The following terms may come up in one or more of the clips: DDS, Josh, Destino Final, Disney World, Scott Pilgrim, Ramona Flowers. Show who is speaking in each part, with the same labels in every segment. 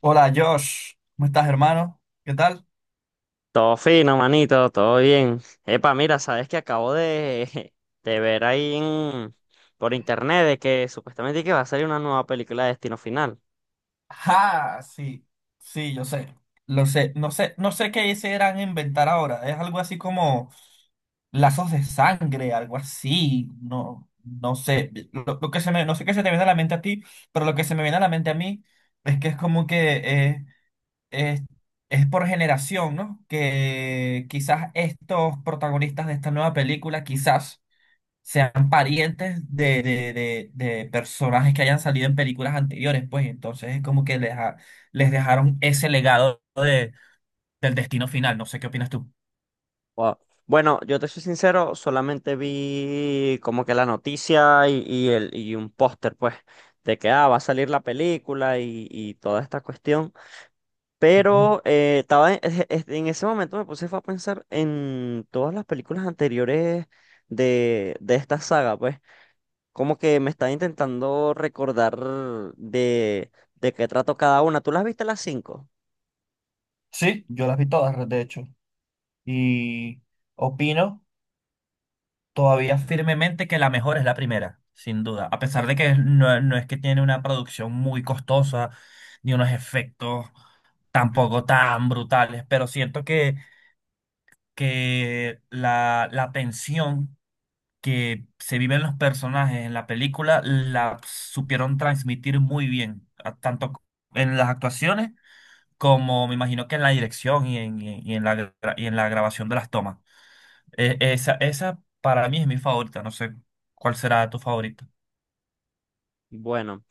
Speaker 1: Hola Josh, ¿cómo estás hermano? ¿Qué tal?
Speaker 2: Todo fino, manito, todo bien. Epa, mira, sabes que acabo de, de ver por internet de que supuestamente que va a salir una nueva película de Destino Final.
Speaker 1: Ah, sí, sí, yo sé. Lo sé, no sé, no sé qué se irán a inventar ahora. Es algo así como lazos de sangre, algo así. No, no sé. Lo que se me, no sé qué se te viene a la mente a ti, pero lo que se me viene a la mente a mí es que es como que es, es por generación, ¿no? Que quizás estos protagonistas de esta nueva película, quizás, sean parientes de personajes que hayan salido en películas anteriores, pues entonces es como que les dejaron ese legado del destino final. No sé qué opinas tú.
Speaker 2: Wow. Bueno, yo te soy sincero, solamente vi como que la noticia y un póster, pues, de que ah, va a salir la película y toda esta cuestión.
Speaker 1: Ujú.
Speaker 2: Pero estaba en, en ese momento me puse fue a pensar en todas las películas anteriores de esta saga, pues, como que me está intentando recordar de, de qué trato cada una. ¿Tú las viste las cinco?
Speaker 1: Sí, yo las vi todas, de hecho. Y opino, todavía firmemente, que la mejor es la primera, sin duda. A pesar de que no, no es que tiene una producción muy costosa, ni unos efectos tampoco tan brutales, pero siento que la tensión que se viven los personajes en la película la supieron transmitir muy bien, tanto en las actuaciones como me imagino que en la dirección y en, y en- y en la, gra- y en la grabación de las tomas. Esa para mí es mi favorita, no sé cuál será tu favorita.
Speaker 2: Bueno,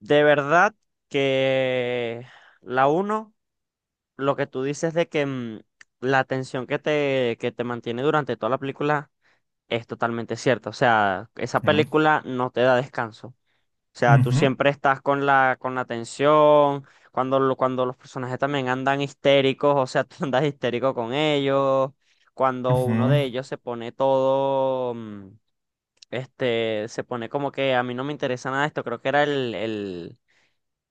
Speaker 2: de verdad que la uno, lo que tú dices de que la tensión que te mantiene durante toda la película es totalmente cierta. O sea, esa
Speaker 1: Ujú,
Speaker 2: película no te da descanso. O sea, tú
Speaker 1: ujú,
Speaker 2: siempre estás con la tensión, cuando los personajes también andan histéricos, o sea, tú andas histérico con ellos, cuando uno
Speaker 1: ujú,
Speaker 2: de ellos se pone todo, se pone como que a mí no me interesa nada esto, creo que era el, el,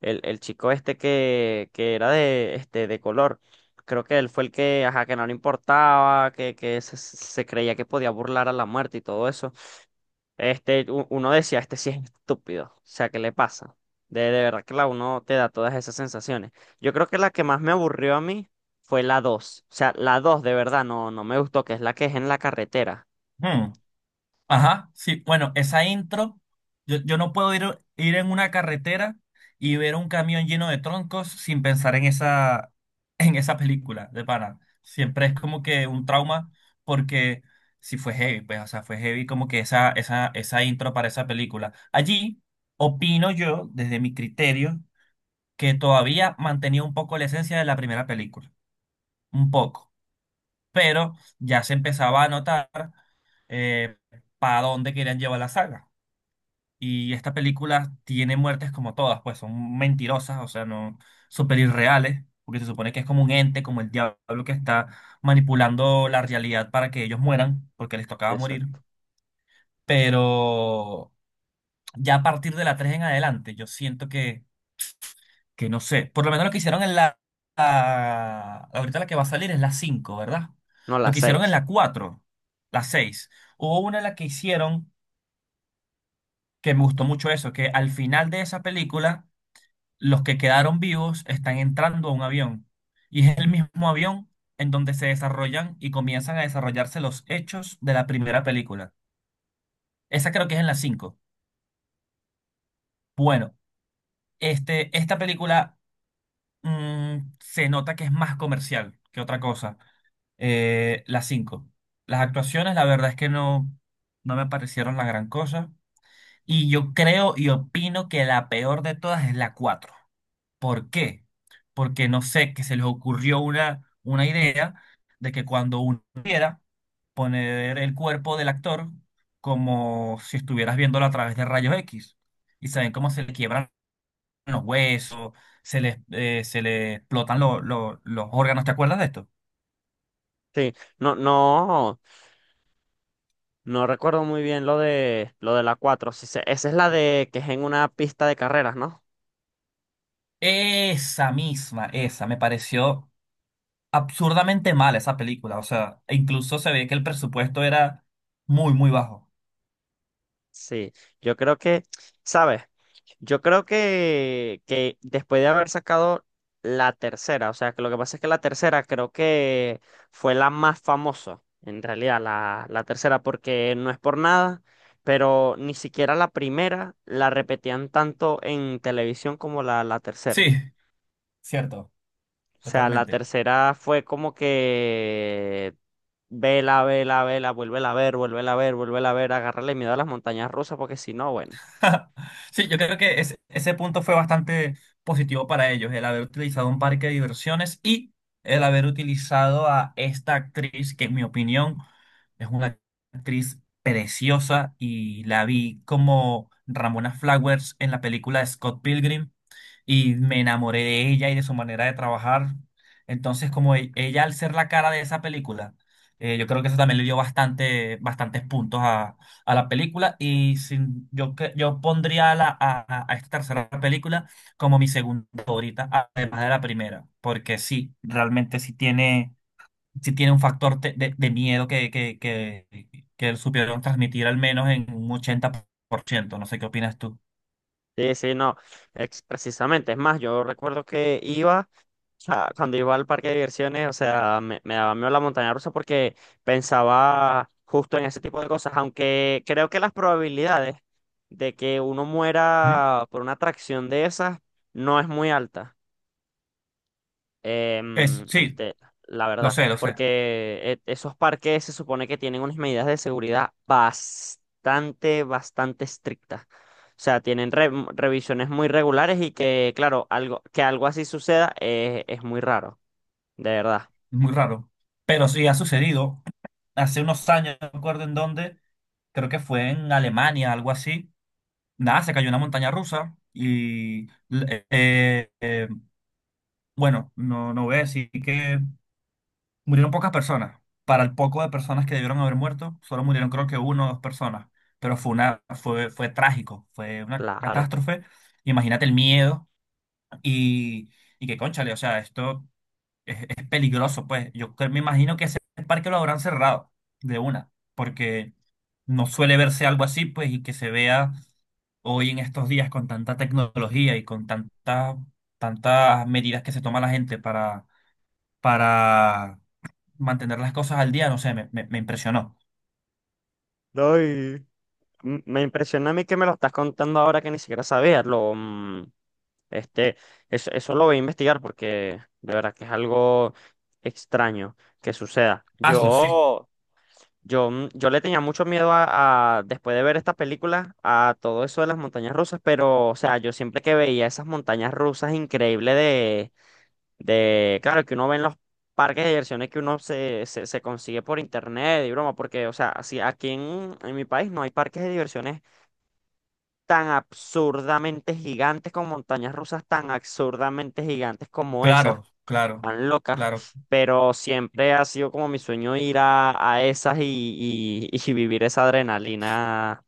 Speaker 2: el, el chico este que era de color. Creo que él fue el que, ajá, que no le importaba, que se creía que podía burlar a la muerte y todo eso. Este, uno decía, este sí es estúpido. O sea, ¿qué le pasa? De verdad que la uno te da todas esas sensaciones. Yo creo que la que más me aburrió a mí fue la dos. O sea, la 2 de verdad no me gustó, que es la que es en la carretera.
Speaker 1: ujú. Ajá, sí, bueno, esa intro, yo no puedo ir en una carretera y ver un camión lleno de troncos sin pensar en esa, en esa película de pana. Siempre es como que un trauma porque si fue heavy, pues, o sea, fue heavy, como que esa intro para esa película. Allí opino yo, desde mi criterio, que todavía mantenía un poco la esencia de la primera película, un poco, pero ya se empezaba a notar eh, para dónde querían llevar la saga. Y esta película tiene muertes, como todas, pues son mentirosas, o sea, no súper irreales, porque se supone que es como un ente, como el diablo, que está manipulando la realidad para que ellos mueran, porque les tocaba morir.
Speaker 2: Exacto.
Speaker 1: Pero ya a partir de la 3 en adelante, yo siento que no sé. Por lo menos lo que hicieron en la, ahorita la que va a salir es la cinco, ¿verdad?
Speaker 2: No,
Speaker 1: Lo
Speaker 2: la
Speaker 1: que hicieron en
Speaker 2: seis.
Speaker 1: la cuatro, la seis. Hubo una en la que hicieron, que me gustó mucho eso, que al final de esa película los que quedaron vivos están entrando a un avión, y es el mismo avión en donde se desarrollan y comienzan a desarrollarse los hechos de la primera película. Esa creo que es en la 5. Bueno, este, esta película, se nota que es más comercial que otra cosa. La cinco, las actuaciones, la verdad es que no, no me parecieron la gran cosa. Y yo creo y opino que la peor de todas es la 4. ¿Por qué? Porque no sé, que se les ocurrió una idea de que cuando uno quiera poner el cuerpo del actor como si estuvieras viéndolo a través de rayos X, y saben cómo se le quiebran los huesos, se les explotan los órganos. ¿Te acuerdas de esto?
Speaker 2: Sí, no, no recuerdo muy bien lo de la cuatro. Sí, esa es la de que es en una pista de carreras, ¿no?
Speaker 1: Esa misma, esa, me pareció absurdamente mala esa película. O sea, e incluso se ve que el presupuesto era muy, muy bajo.
Speaker 2: Sí, yo creo que, ¿sabes? Yo creo que después de haber sacado la tercera, o sea, que lo que pasa es que la tercera creo que fue la más famosa, en realidad, la tercera, porque no es por nada, pero ni siquiera la primera la repetían tanto en televisión como la
Speaker 1: Sí,
Speaker 2: tercera.
Speaker 1: cierto,
Speaker 2: O sea, la
Speaker 1: totalmente.
Speaker 2: tercera fue como que vela, vela, vela, vuélvela a ver, vuélvela a ver, vuélvela a ver, agárrale miedo a las montañas rusas, porque si no, bueno.
Speaker 1: Sí, yo creo que ese punto fue bastante positivo para ellos, el haber utilizado un parque de diversiones y el haber utilizado a esta actriz, que en mi opinión es una actriz preciosa, y la vi como Ramona Flowers en la película de Scott Pilgrim y me enamoré de ella y de su manera de trabajar. Entonces, como ella al ser la cara de esa película, yo creo que eso también le dio bastantes puntos a, la película, y sin, yo pondría a esta tercera película como mi segunda favorita, además de la primera, porque sí, realmente sí tiene un factor de miedo, que supieron transmitir al menos en un 80%. No sé qué opinas tú.
Speaker 2: Sí, sí, no, es precisamente, es más, yo recuerdo que iba, o sea, cuando iba al parque de diversiones, o sea, me daba miedo la montaña rusa porque pensaba justo en ese tipo de cosas, aunque creo que las probabilidades de que uno
Speaker 1: ¿Mm?
Speaker 2: muera por una atracción de esas no es muy alta, em,
Speaker 1: Sí,
Speaker 2: este, la
Speaker 1: lo
Speaker 2: verdad,
Speaker 1: sé, lo sé.
Speaker 2: porque esos parques se supone que tienen unas medidas de seguridad bastante, bastante estrictas. O sea, tienen revisiones muy regulares y que, claro, que algo así suceda, es muy raro, de verdad,
Speaker 1: Muy raro. Pero sí ha sucedido. Hace unos años, no recuerdo en dónde, creo que fue en Alemania, algo así. Nada, se cayó una montaña rusa y, bueno, no, no voy a decir que murieron pocas personas. Para el poco de personas que debieron haber muerto, solo murieron, creo, que uno o dos personas. Pero fue trágico, fue una
Speaker 2: claro.
Speaker 1: catástrofe. Imagínate el miedo y, y que, cónchale, o sea, esto peligroso, pues. Me imagino que ese parque lo habrán cerrado de una, porque no suele verse algo así, pues, y que se vea hoy en estos días con tanta tecnología y con tantas medidas que se toma la gente para mantener las cosas al día. No sé, me impresionó.
Speaker 2: No, y me impresiona a mí que me lo estás contando ahora que ni siquiera sabía. Lo, mm, este, eso lo voy a investigar porque de verdad que es algo extraño que suceda.
Speaker 1: Hazlo, sí.
Speaker 2: Yo le tenía mucho miedo a, después de ver esta película, a todo eso de las montañas rusas, pero, o sea, yo siempre que veía esas montañas rusas increíbles de, claro, que uno ve en los parques de diversiones que uno se consigue por internet y broma, porque, o sea, así aquí en mi país no hay parques de diversiones tan absurdamente gigantes con montañas rusas tan absurdamente gigantes como esas
Speaker 1: Claro, claro,
Speaker 2: tan locas,
Speaker 1: claro.
Speaker 2: pero siempre ha sido como mi sueño ir a esas y vivir esa adrenalina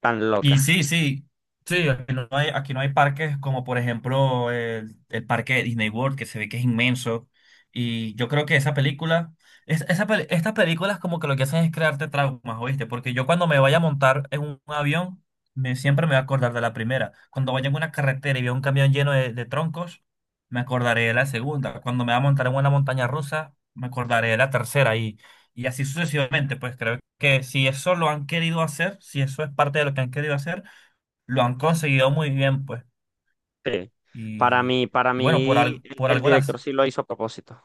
Speaker 2: tan
Speaker 1: Y
Speaker 2: loca.
Speaker 1: sí, sí, sí, aquí no hay parques como por ejemplo el parque de Disney World, que se ve que es inmenso. Y yo creo que esa película, estas películas, como que lo que hacen es crearte traumas, ¿oíste? Porque yo cuando me vaya a montar en un avión, siempre me voy a acordar de la primera. Cuando vaya en una carretera y veo un camión lleno de troncos, me acordaré de la segunda. Cuando me vaya a montar en una montaña rusa, me acordaré de la tercera. Y así sucesivamente, pues creo que si eso lo han querido hacer, si eso es parte de lo que han querido hacer, lo han conseguido muy bien, pues.
Speaker 2: Sí.
Speaker 1: Y,
Speaker 2: Para mí, el,
Speaker 1: por
Speaker 2: el
Speaker 1: algo
Speaker 2: director
Speaker 1: las...
Speaker 2: sí lo hizo a propósito.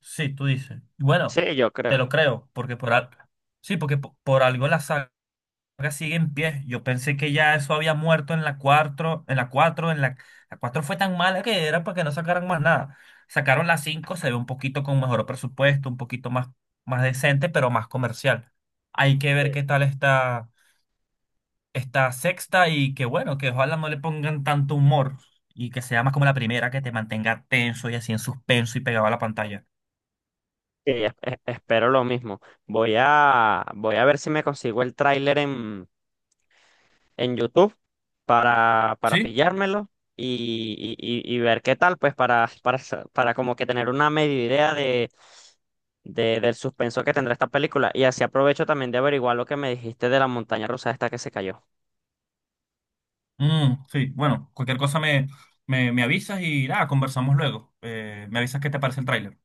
Speaker 1: Sí, tú dices. Y bueno,
Speaker 2: Sí, yo
Speaker 1: te
Speaker 2: creo.
Speaker 1: lo creo, sí, algo la saga sigue en pie. Yo pensé que ya eso había muerto en la cuatro. La 4 fue tan mala que era para que no sacaran más nada. Sacaron la cinco, se ve un poquito con mejor presupuesto, un poquito más, más decente, pero más comercial. Hay que ver
Speaker 2: Sí.
Speaker 1: qué tal está sexta, y que bueno, que ojalá no le pongan tanto humor y que sea más como la primera, que te mantenga tenso y así en suspenso y pegado a la pantalla.
Speaker 2: Sí, espero lo mismo. Voy a ver si me consigo el tráiler en YouTube para
Speaker 1: ¿Sí?
Speaker 2: pillármelo. Y ver qué tal, pues, para como que tener una media idea del suspenso que tendrá esta película. Y así aprovecho también de averiguar lo que me dijiste de la montaña rusa esta que se cayó.
Speaker 1: Sí, bueno, cualquier cosa me avisas y nada, conversamos luego. Me avisas qué te parece el tráiler.